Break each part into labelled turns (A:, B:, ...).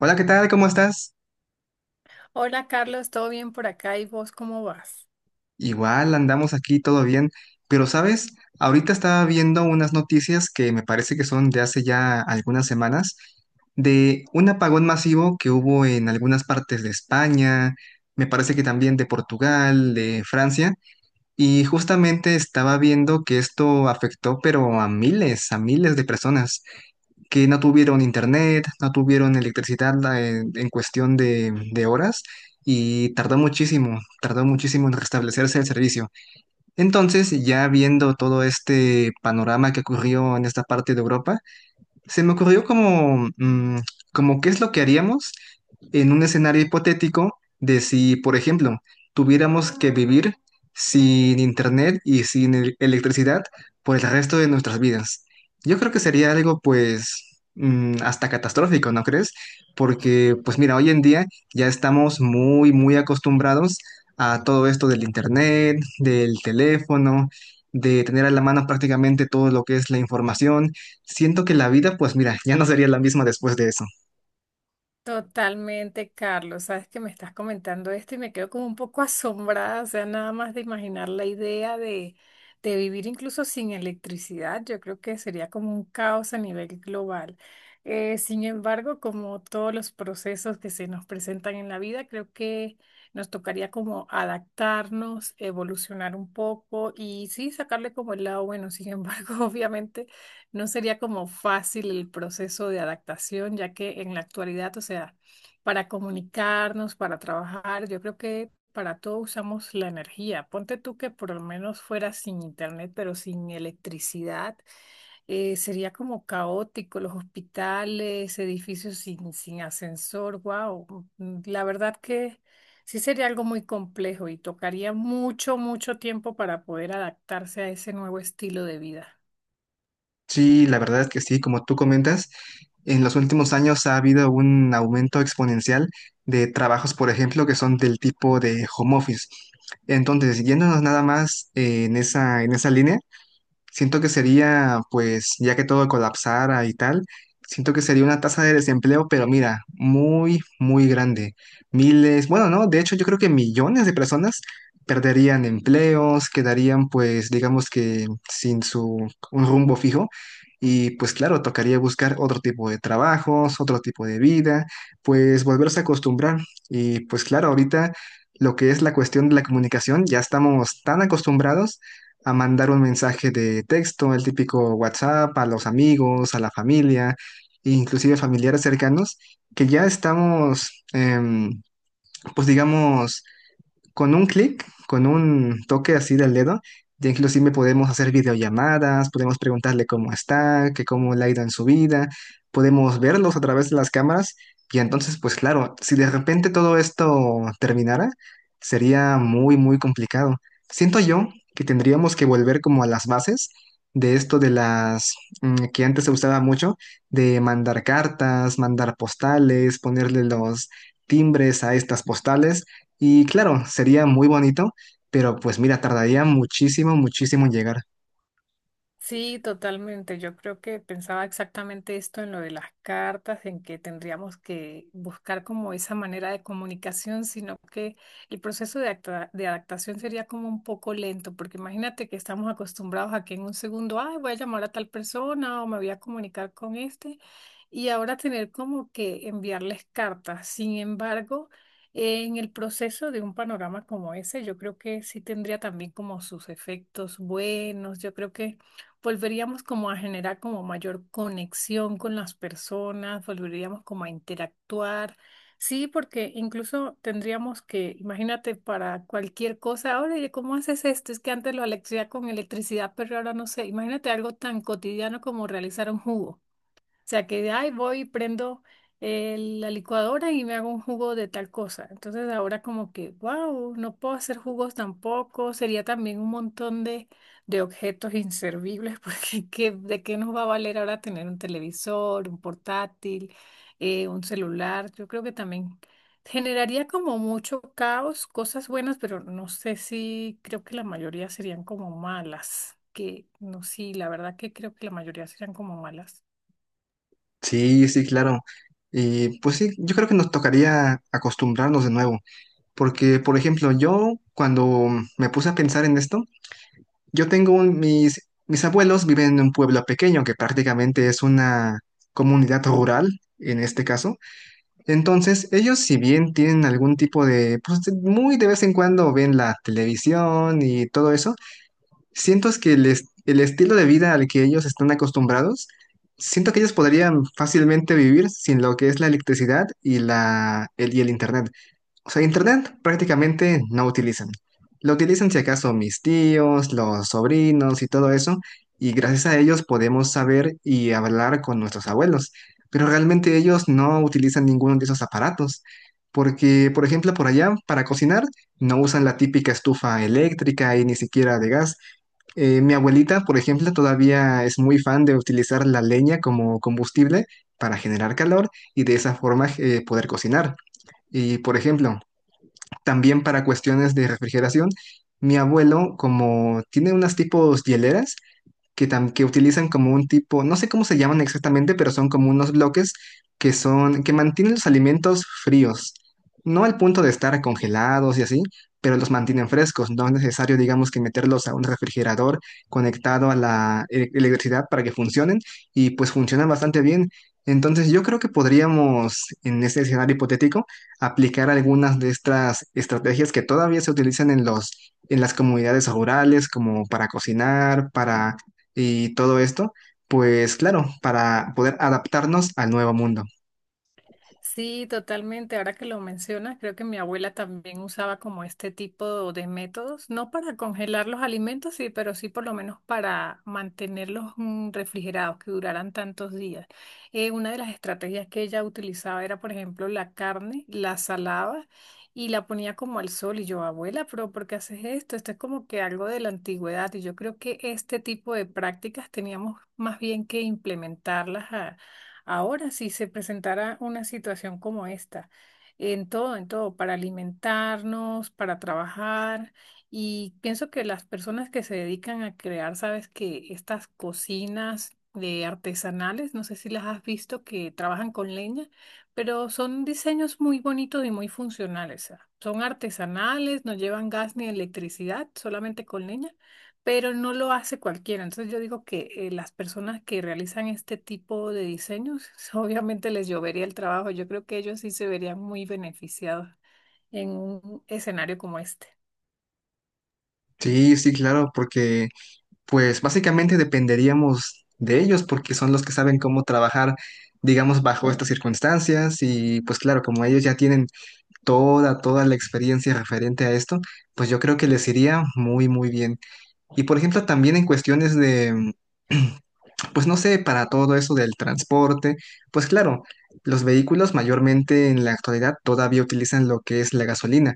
A: Hola, ¿qué tal? ¿Cómo estás?
B: Hola Carlos, ¿todo bien por acá? ¿Y vos cómo vas?
A: Igual andamos aquí todo bien, pero sabes, ahorita estaba viendo unas noticias que me parece que son de hace ya algunas semanas, de un apagón masivo que hubo en algunas partes de España, me parece que también de Portugal, de Francia, y justamente estaba viendo que esto afectó pero a miles de personas, que no tuvieron internet, no tuvieron electricidad en, cuestión de horas y tardó muchísimo en restablecerse el servicio. Entonces, ya viendo todo este panorama que ocurrió en esta parte de Europa, se me ocurrió como qué es lo que haríamos en un escenario hipotético de si, por ejemplo, tuviéramos que vivir sin internet y sin electricidad por el resto de nuestras vidas. Yo creo que sería algo, pues, hasta catastrófico, ¿no crees? Porque, pues mira, hoy en día ya estamos muy, muy acostumbrados a todo esto del internet, del teléfono, de tener a la mano prácticamente todo lo que es la información. Siento que la vida, pues mira, ya no sería la misma después de eso.
B: Totalmente, Carlos. Sabes que me estás comentando esto y me quedo como un poco asombrada, o sea, nada más de imaginar la idea de vivir incluso sin electricidad. Yo creo que sería como un caos a nivel global. Sin embargo, como todos los procesos que se nos presentan en la vida, creo que nos tocaría como adaptarnos, evolucionar un poco y sí, sacarle como el lado bueno. Sin embargo, obviamente no sería como fácil el proceso de adaptación, ya que en la actualidad, o sea, para comunicarnos, para trabajar, yo creo que para todo usamos la energía. Ponte tú que por lo menos fuera sin internet, pero sin electricidad, sería como caótico, los hospitales, edificios sin ascensor, wow. La verdad que sí sería algo muy complejo y tocaría mucho, mucho tiempo para poder adaptarse a ese nuevo estilo de vida.
A: Sí, la verdad es que sí, como tú comentas, en los últimos años ha habido un aumento exponencial de trabajos, por ejemplo, que son del tipo de home office. Entonces, yéndonos nada más en esa línea. Siento que sería, pues, ya que todo colapsara y tal, siento que sería una tasa de desempleo, pero mira, muy, muy grande. Miles, bueno, no, de hecho yo creo que millones de personas perderían empleos, quedarían, pues, digamos que sin su, un rumbo fijo. Y pues claro, tocaría buscar otro tipo de trabajos, otro tipo de vida, pues volverse a acostumbrar. Y pues claro, ahorita lo que es la cuestión de la comunicación, ya estamos tan acostumbrados a mandar un mensaje de texto, el típico WhatsApp, a los amigos, a la familia, e inclusive familiares cercanos, que ya estamos, pues digamos, con un clic, con un toque así del dedo, ya inclusive podemos hacer videollamadas, podemos preguntarle cómo está, que cómo le ha ido en su vida, podemos verlos a través de las cámaras y entonces, pues claro, si de repente todo esto terminara, sería muy, muy complicado. Siento yo que tendríamos que volver como a las bases de esto de las, que antes se usaba mucho, de mandar cartas, mandar postales, ponerle los timbres a estas postales. Y claro, sería muy bonito, pero pues mira, tardaría muchísimo, muchísimo en llegar.
B: Sí, totalmente. Yo creo que pensaba exactamente esto en lo de las cartas, en que tendríamos que buscar como esa manera de comunicación, sino que el proceso de, de adaptación sería como un poco lento, porque imagínate que estamos acostumbrados a que en un segundo, ay, voy a llamar a tal persona o me voy a comunicar con este, y ahora tener como que enviarles cartas. Sin embargo, en el proceso de un panorama como ese, yo creo que sí tendría también como sus efectos buenos. Yo creo que volveríamos como a generar como mayor conexión con las personas, volveríamos como a interactuar. Sí, porque incluso tendríamos que, imagínate, para cualquier cosa, oye, ¿cómo haces esto? Es que antes lo hacía con electricidad, pero ahora no sé. Imagínate algo tan cotidiano como realizar un jugo sea, que, ay, voy y prendo la licuadora y me hago un jugo de tal cosa. Entonces ahora como que, wow, no puedo hacer jugos tampoco. Sería también un montón de objetos inservibles, porque ¿de qué nos va a valer ahora tener un televisor, un portátil, un celular? Yo creo que también generaría como mucho caos, cosas buenas, pero no sé si creo que la mayoría serían como malas. Que no, sí, la verdad que creo que la mayoría serían como malas.
A: Sí, sí, claro. Y pues sí, yo creo que nos tocaría acostumbrarnos de nuevo, porque por ejemplo, yo cuando me puse a pensar en esto, yo tengo mis abuelos viven en un pueblo pequeño que prácticamente es una comunidad rural en este caso. Entonces, ellos si bien tienen algún tipo de pues muy de vez en cuando ven la televisión y todo eso. Siento es que el, el estilo de vida al que ellos están acostumbrados, siento que ellos podrían fácilmente vivir sin lo que es la electricidad y y el internet. O sea, internet prácticamente no utilizan. Lo utilizan si acaso mis tíos, los sobrinos y todo eso, y gracias a ellos podemos saber y hablar con nuestros abuelos. Pero realmente ellos no utilizan ninguno de esos aparatos. Porque, por ejemplo, por allá, para cocinar, no usan la típica estufa eléctrica y ni siquiera de gas. Mi abuelita, por ejemplo, todavía es muy fan de utilizar la leña como combustible para generar calor y de esa forma poder cocinar. Y, por ejemplo, también para cuestiones de refrigeración, mi abuelo, como tiene unas tipos hieleras, que, que utilizan como un tipo, no sé cómo se llaman exactamente, pero son como unos bloques que son, que mantienen los alimentos fríos. No al punto de estar congelados y así, pero los mantienen frescos. No es necesario, digamos, que meterlos a un refrigerador conectado a la electricidad para que funcionen y pues funcionan bastante bien. Entonces yo creo que podríamos, en este escenario hipotético, aplicar algunas de estas estrategias que todavía se utilizan en los, en las comunidades rurales, como para cocinar, para y todo esto, pues claro, para poder adaptarnos al nuevo mundo.
B: Sí, totalmente. Ahora que lo mencionas, creo que mi abuela también usaba como este tipo de métodos, no para congelar los alimentos, sí, pero sí por lo menos para mantenerlos refrigerados, que duraran tantos días. Una de las estrategias que ella utilizaba era, por ejemplo, la carne, la salaba y la ponía como al sol. Y yo, abuela, pero ¿por qué haces esto? Esto es como que algo de la antigüedad. Y yo creo que este tipo de prácticas teníamos más bien que implementarlas ahora, si se presentara una situación como esta, en todo, para alimentarnos, para trabajar, y pienso que las personas que se dedican a crear, sabes que estas cocinas de artesanales, no sé si las has visto, que trabajan con leña, pero son diseños muy bonitos y muy funcionales. O sea, son artesanales, no llevan gas ni electricidad, solamente con leña, pero no lo hace cualquiera. Entonces yo digo que las personas que realizan este tipo de diseños, obviamente les llovería el trabajo. Yo creo que ellos sí se verían muy beneficiados en un escenario como este.
A: Sí, sí, claro, porque pues básicamente dependeríamos de ellos porque son los que saben cómo trabajar, digamos, bajo estas circunstancias y pues claro, como ellos ya tienen toda, toda la experiencia referente a esto, pues yo creo que les iría muy, muy bien. Y por ejemplo, también en cuestiones de... pues no sé, para todo eso del transporte, pues claro, los vehículos mayormente en la actualidad todavía utilizan lo que es la gasolina,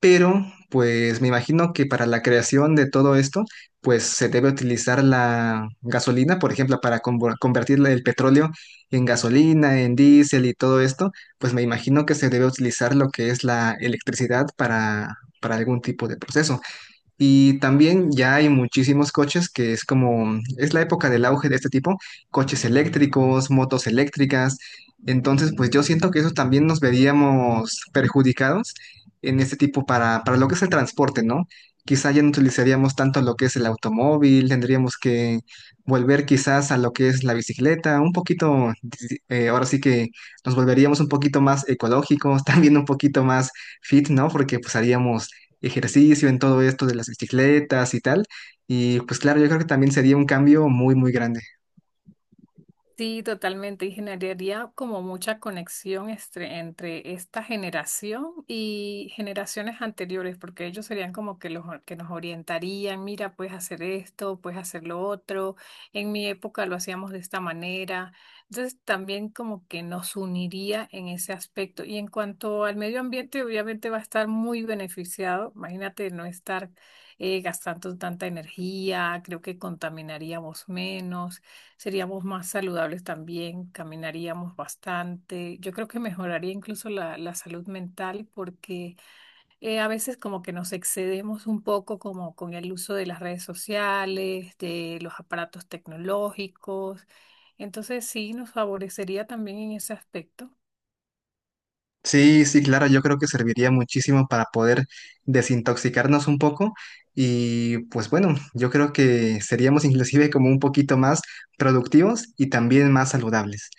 A: pero pues me imagino que para la creación de todo esto, pues se debe utilizar la gasolina, por ejemplo, para convertir el petróleo en gasolina, en diésel y todo esto, pues me imagino que se debe utilizar lo que es la electricidad para algún tipo de proceso. Y también ya hay muchísimos coches que es como, es la época del auge de este tipo, coches eléctricos, motos eléctricas. Entonces, pues yo siento que eso también nos veríamos perjudicados en este tipo para lo que es el transporte, ¿no? Quizá ya no utilizaríamos tanto lo que es el automóvil, tendríamos que volver quizás a lo que es la bicicleta, un poquito, ahora sí que nos volveríamos un poquito más ecológicos, también un poquito más fit, ¿no? Porque pues haríamos ejercicio, en todo esto de las bicicletas y tal. Y pues claro, yo creo que también sería un cambio muy, muy grande.
B: Sí, totalmente. Y generaría como mucha conexión entre esta generación y generaciones anteriores, porque ellos serían como que los que nos orientarían, mira, puedes hacer esto, puedes hacer lo otro. En mi época lo hacíamos de esta manera. Entonces también como que nos uniría en ese aspecto. Y en cuanto al medio ambiente, obviamente va a estar muy beneficiado. Imagínate no estar gastando tanta energía, creo que contaminaríamos menos. Seríamos más saludables también, caminaríamos bastante. Yo creo que mejoraría incluso la salud mental porque a veces como que nos excedemos un poco como con el uso de las redes sociales, de los aparatos tecnológicos. Entonces sí, nos favorecería también en ese aspecto.
A: Sí, sí, claro, yo creo que serviría muchísimo para poder desintoxicarnos un poco y pues bueno, yo creo que seríamos inclusive como un poquito más productivos y también más saludables.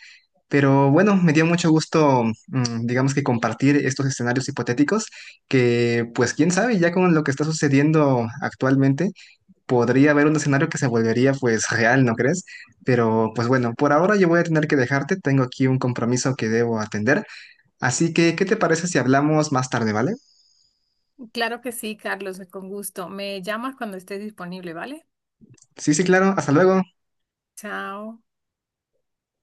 A: Pero bueno, me dio mucho gusto, digamos que compartir estos escenarios hipotéticos que pues quién sabe, ya con lo que está sucediendo actualmente podría haber un escenario que se volvería pues real, ¿no crees? Pero pues bueno, por ahora yo voy a tener que dejarte, tengo aquí un compromiso que debo atender, así que ¿qué te parece si hablamos más tarde, ¿vale?
B: Claro que sí, Carlos, con gusto. Me llamas cuando estés disponible, ¿vale?
A: Sí, sí, claro, hasta luego.
B: Chao.